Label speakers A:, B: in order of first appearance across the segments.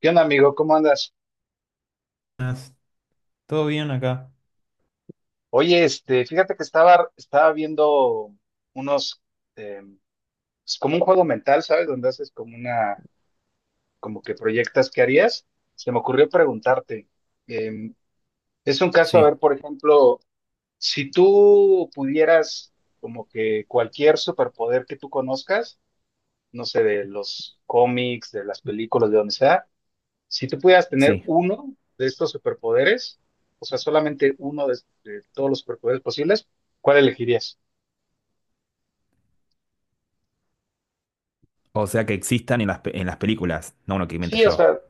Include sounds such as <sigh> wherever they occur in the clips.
A: ¿Qué onda, amigo? ¿Cómo andas?
B: ¿Todo bien acá?
A: Oye, este, fíjate que estaba viendo unos, eh, es como un juego mental, ¿sabes? Donde haces como una, como que proyectas qué harías. Se me ocurrió preguntarte, eh, es un caso, a
B: Sí,
A: ver, por ejemplo, si tú pudieras como que cualquier superpoder que tú conozcas, no sé, de los cómics, de las películas, de donde sea, si tú pudieras tener
B: sí.
A: uno de estos superpoderes, o sea, solamente uno de todos los superpoderes posibles, ¿cuál elegirías?
B: O sea, que existan en las, en las películas, no uno que invente
A: Sí, o
B: yo.
A: sea,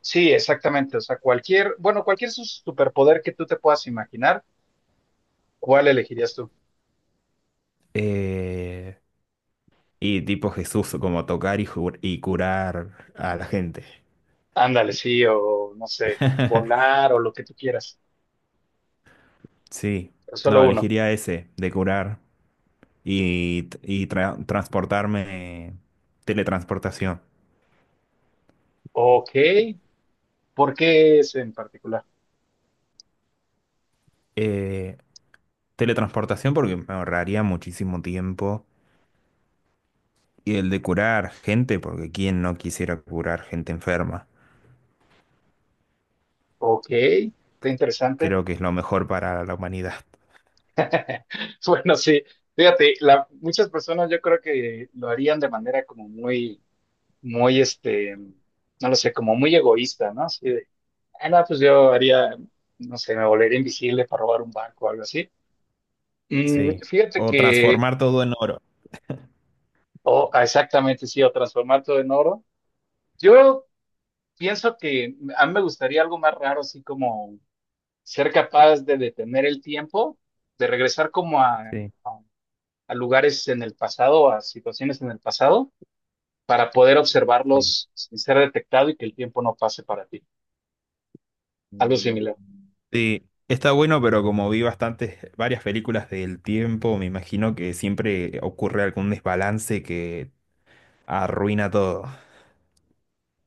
A: sí, exactamente. O sea, cualquier, bueno, cualquier superpoder que tú te puedas imaginar, ¿cuál elegirías tú?
B: Eh, y tipo Jesús, como tocar y curar a la gente.
A: Ándale, sí, o no sé,
B: <laughs>
A: volar o lo que tú quieras,
B: Sí,
A: pero
B: no,
A: solo uno.
B: elegiría ese, de curar y transportarme, teletransportación.
A: Ok, ¿por qué ese en particular?
B: Eh, Teletransportación porque me ahorraría muchísimo tiempo. Y el de curar gente, porque ¿quién no quisiera curar gente enferma?
A: Ok, está interesante.
B: Creo que es lo mejor para la humanidad.
A: <laughs> Bueno, sí, fíjate, muchas personas yo creo que lo harían de manera como muy muy, este, no lo sé, como muy egoísta, ¿no? Así de, ah, no, pues yo haría, no sé, me volvería invisible para robar un banco o algo así. Mm,
B: Sí.
A: fíjate
B: O
A: que,
B: transformar todo en oro.
A: o ah, exactamente, sí, o transformar todo en oro. Yo pienso que a mí me gustaría algo más raro, así como ser capaz de detener el tiempo, de regresar como a,
B: Sí,
A: a a lugares en el pasado, a situaciones en el pasado, para poder
B: sí.
A: observarlos sin ser detectado y que el tiempo no pase para ti. Algo
B: Mm.
A: similar.
B: Sí, está bueno, pero como vi bastantes, varias películas del tiempo, me imagino que siempre ocurre algún desbalance que arruina todo.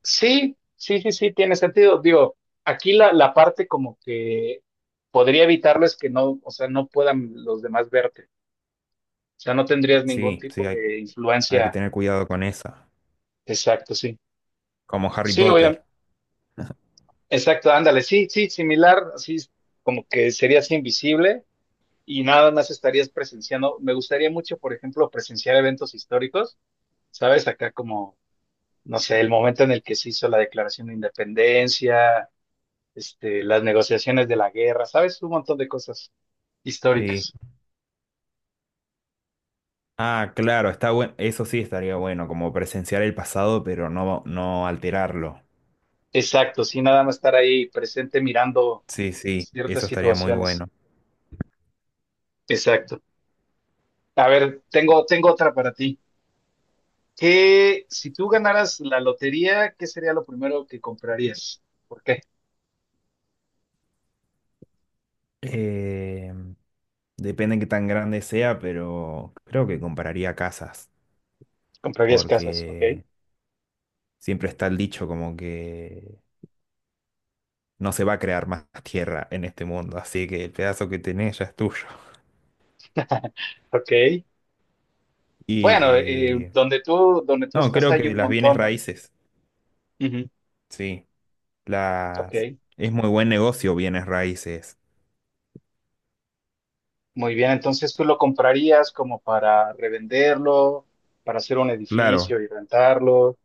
A: Sí, sí, sí, sí, tiene sentido. Digo, aquí la parte como que podría evitarlo es que no, o sea, no puedan los demás verte. O sea, no tendrías ningún
B: Sí, sí,
A: tipo de
B: hay que
A: influencia.
B: tener cuidado con esa.
A: Exacto, sí.
B: Como Harry
A: Sí,
B: Potter.
A: obviamente. Exacto, ándale. Sí, sí, similar, así como que serías invisible y nada más estarías presenciando. Me gustaría mucho, por ejemplo, presenciar eventos históricos, ¿sabes? Acá como, no sé, el momento en el que se hizo la Declaración de Independencia, este, las negociaciones de la guerra, ¿sabes? Un montón de cosas
B: Sí.
A: históricas.
B: Ah, claro, está bueno. Eso sí estaría bueno, como presenciar el pasado, pero no, no alterarlo.
A: Exacto, sí, nada más estar ahí presente mirando
B: Sí, sí, eso
A: ciertas
B: estaría muy
A: situaciones.
B: bueno.
A: Exacto. A ver, tengo otra para ti. ¿Qué, si tú ganaras la lotería, qué sería lo primero que comprarías? ¿Por qué?
B: Eh, Depende de qué tan grande sea, pero creo que compararía casas,
A: Comprarías casas, ¿ok?
B: porque siempre está el dicho como que no se va a crear más <laughs> tierra en este mundo, así que el pedazo que tenés ya es tuyo. <laughs>
A: <laughs> Ok. Bueno,
B: Y
A: donde tú
B: no,
A: estás
B: creo
A: hay
B: que
A: un
B: las bienes
A: montón, ¿no?
B: raíces,
A: Ujú.
B: sí, las
A: Ok.
B: es muy buen negocio bienes raíces.
A: Muy bien, entonces tú lo comprarías como para revenderlo, para hacer un
B: Claro,
A: edificio y rentarlo.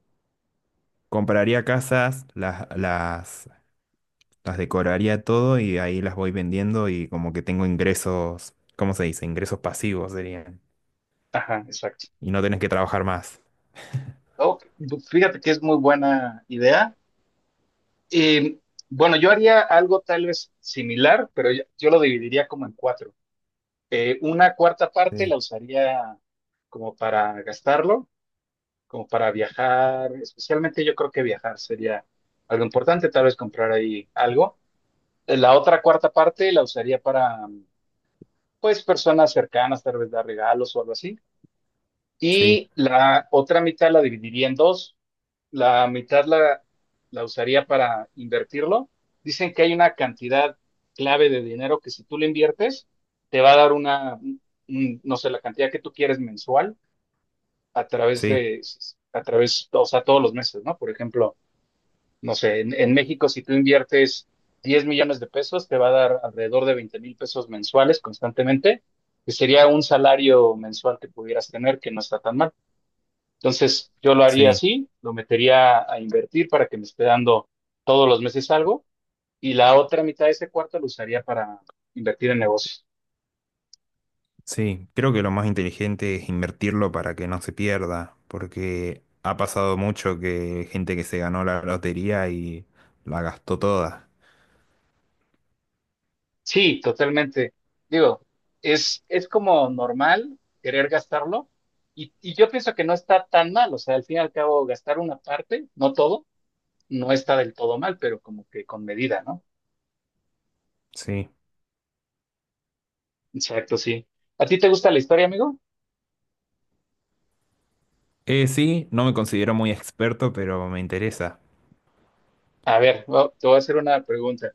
B: compraría casas, las decoraría todo y ahí las voy vendiendo y como que tengo ingresos, ¿cómo se dice? Ingresos pasivos serían.
A: Ajá, exacto.
B: Y no tenés que trabajar más.
A: Oh, fíjate que es muy buena idea. Eh, bueno, yo haría algo tal vez similar, pero yo lo dividiría como en cuatro. Una cuarta parte
B: Sí,
A: la usaría como para gastarlo, como para viajar, especialmente yo creo que viajar sería algo importante, tal vez comprar ahí algo. La otra cuarta parte la usaría para pues personas cercanas, tal vez dar regalos o algo así.
B: sí,
A: Y la otra mitad la dividiría en dos. La mitad la, la usaría para invertirlo. Dicen que hay una cantidad clave de dinero que si tú le inviertes, te va a dar una, no sé, la cantidad que tú quieres mensual a través
B: sí,
A: de, a través, o sea, todos los meses, ¿no? Por ejemplo, no sé, en México si tú inviertes 10 millones de pesos, te va a dar alrededor de 20 mil pesos mensuales constantemente, que sería un salario mensual que pudieras tener, que no está tan mal. Entonces, yo lo haría
B: sí,
A: así, lo metería a invertir para que me esté dando todos los meses algo, y la otra mitad de ese cuarto lo usaría para invertir en negocios.
B: sí. Creo que lo más inteligente es invertirlo para que no se pierda, porque ha pasado mucho que gente que se ganó la lotería y la gastó toda.
A: Sí, totalmente. Digo, es como normal querer gastarlo, y yo pienso que no está tan mal, o sea, al fin y al cabo, gastar una parte, no todo no está del todo mal, pero como que con medida, ¿no?
B: Sí.
A: Exacto, sí. ¿A ti te gusta la historia, amigo?
B: Sí, no me considero muy experto, pero me interesa.
A: A ver, te voy a hacer una pregunta.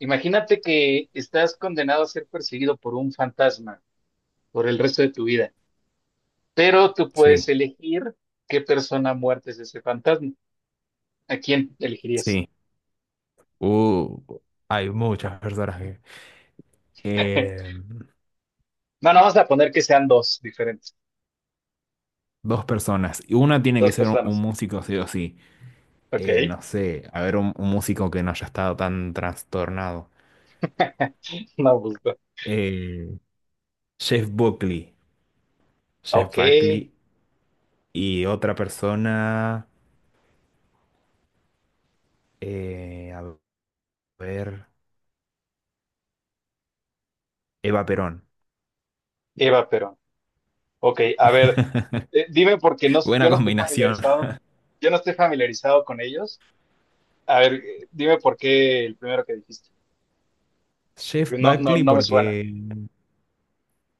A: Imagínate que estás condenado a ser perseguido por un fantasma por el resto de tu vida, pero tú puedes
B: Sí,
A: elegir qué persona muerta es ese fantasma. ¿A quién elegirías?
B: sí. Uh, hay muchas personas que...
A: <laughs>
B: eh,
A: No, no, vamos a poner que sean dos diferentes,
B: dos personas. Y una tiene que
A: dos
B: ser un
A: personas.
B: músico sí o sí.
A: Ok,
B: No sé, a ver un músico que no haya estado tan trastornado.
A: <laughs> no, gusto.
B: Eh, Jeff Buckley, Jeff
A: Ok,
B: Buckley y otra persona, eh, a ver, Eva Perón.
A: Eva Perón. Ok, a ver, dime porque no,
B: Buena
A: yo no estoy
B: combinación.
A: familiarizado,
B: <laughs>
A: yo no estoy familiarizado con ellos. A ver, dime por qué el primero que dijiste.
B: Jeff
A: Pues no, no,
B: Buckley
A: no me suena.
B: porque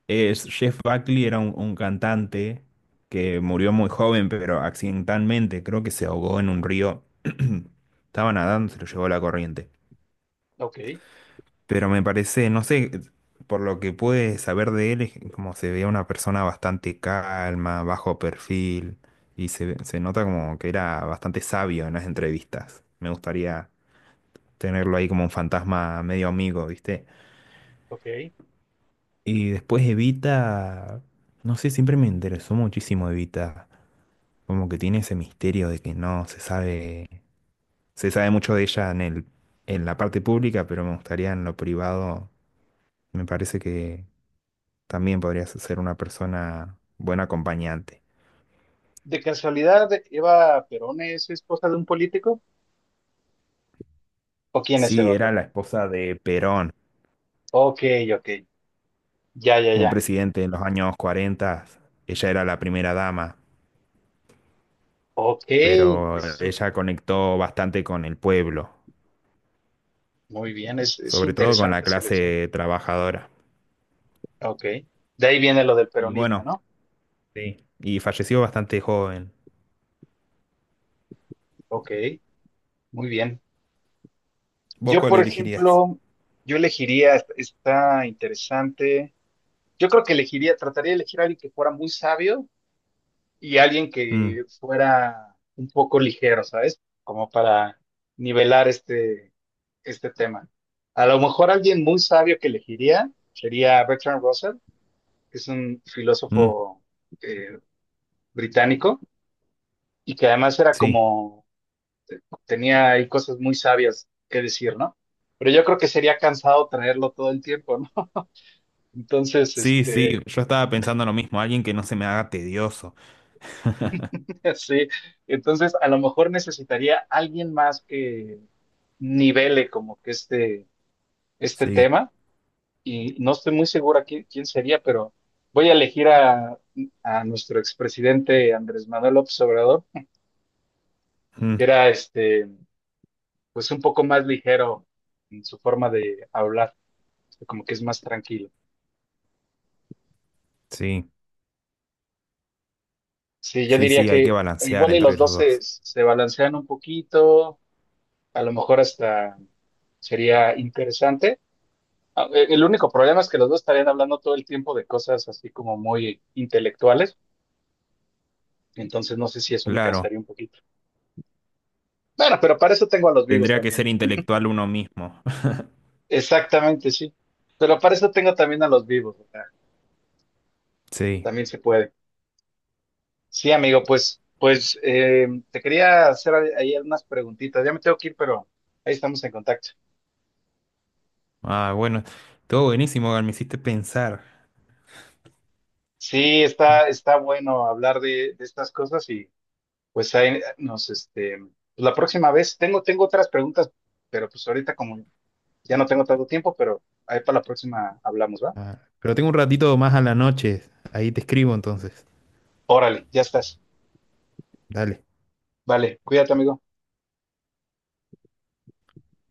B: Jeff Buckley era un cantante que murió muy joven, pero accidentalmente creo que se ahogó en un río. <clears throat> Estaba nadando, se lo llevó la corriente.
A: Ok,
B: Pero me parece, no sé, por lo que pude saber de él, es como se veía una persona bastante calma, bajo perfil, y se nota como que era bastante sabio en las entrevistas. Me gustaría tenerlo ahí como un fantasma medio amigo, ¿viste?
A: ok.
B: Y después Evita, no sé, siempre me interesó muchísimo Evita, como que tiene ese misterio de que no se sabe, se sabe mucho de ella en la parte pública, pero me gustaría en lo privado, me parece que también podrías ser una persona buen acompañante.
A: ¿De casualidad Eva Perón es esposa de un político? ¿O quién es
B: Sí,
A: Eva
B: era
A: Perón?
B: la esposa de Perón,
A: Ok, ok. Ya, ya,
B: un
A: ya.
B: presidente en los años 40. Ella era la primera dama,
A: Ok,
B: pero
A: es-
B: ella conectó bastante con el pueblo,
A: muy bien, es
B: sobre todo con la
A: interesante selección.
B: clase trabajadora.
A: Ok. De ahí viene lo del
B: Y
A: peronismo,
B: bueno,
A: ¿no?
B: sí. Y falleció bastante joven.
A: Ok, muy bien.
B: ¿Vos
A: Yo,
B: cuál
A: por
B: elegirías?
A: ejemplo, yo elegiría, está interesante. Yo creo que elegiría, trataría de elegir a alguien que fuera muy sabio y alguien
B: Mm,
A: que fuera un poco ligero, ¿sabes? Como para nivelar este, este tema. A lo mejor alguien muy sabio que elegiría sería Bertrand Russell, que es un
B: mm,
A: filósofo, eh, británico y que además era
B: sí.
A: como, tenía ahí cosas muy sabias que decir, ¿no? Pero yo creo que sería cansado traerlo todo el tiempo, ¿no? Entonces,
B: Sí, sí,
A: este,
B: yo estaba pensando lo mismo, alguien que no se me haga tedioso.
A: <laughs> sí, entonces a lo mejor necesitaría alguien más que nivele como que este
B: Sí,
A: tema y no estoy muy segura quién sería, pero voy a elegir a nuestro expresidente Andrés Manuel López Obrador,
B: mm,
A: que era este, pues un poco más ligero en su forma de hablar, como que es más tranquilo.
B: sí,
A: Sí, yo
B: sí,
A: diría
B: sí, hay que
A: que
B: balancear
A: igual y los
B: entre los
A: dos se,
B: dos.
A: se balancean un poquito, a lo mejor hasta sería interesante. Ah, el único problema es que los dos estarían hablando todo el tiempo de cosas así como muy intelectuales, entonces no sé si eso me
B: Claro.
A: cansaría un poquito. Bueno, pero para eso tengo a los vivos
B: Tendría que ser
A: también, ¿no?
B: intelectual uno mismo. <laughs>
A: Exactamente, sí. Pero para eso tengo también a los vivos, o sea,
B: Sí.
A: también se puede. Sí, amigo, pues, pues te quería hacer ahí unas preguntitas. Ya me tengo que ir, pero ahí estamos en contacto.
B: Ah, bueno. Todo buenísimo, Gal, me hiciste pensar.
A: Sí, está bueno hablar de estas cosas y pues ahí nos, este, pues, la próxima vez tengo otras preguntas, pero pues ahorita como ya no tengo tanto tiempo, pero ahí para la próxima hablamos, ¿va?
B: Ah, pero tengo un ratito más a la noche. Ahí te escribo entonces.
A: Órale, ya estás.
B: Dale.
A: Vale, cuídate, amigo.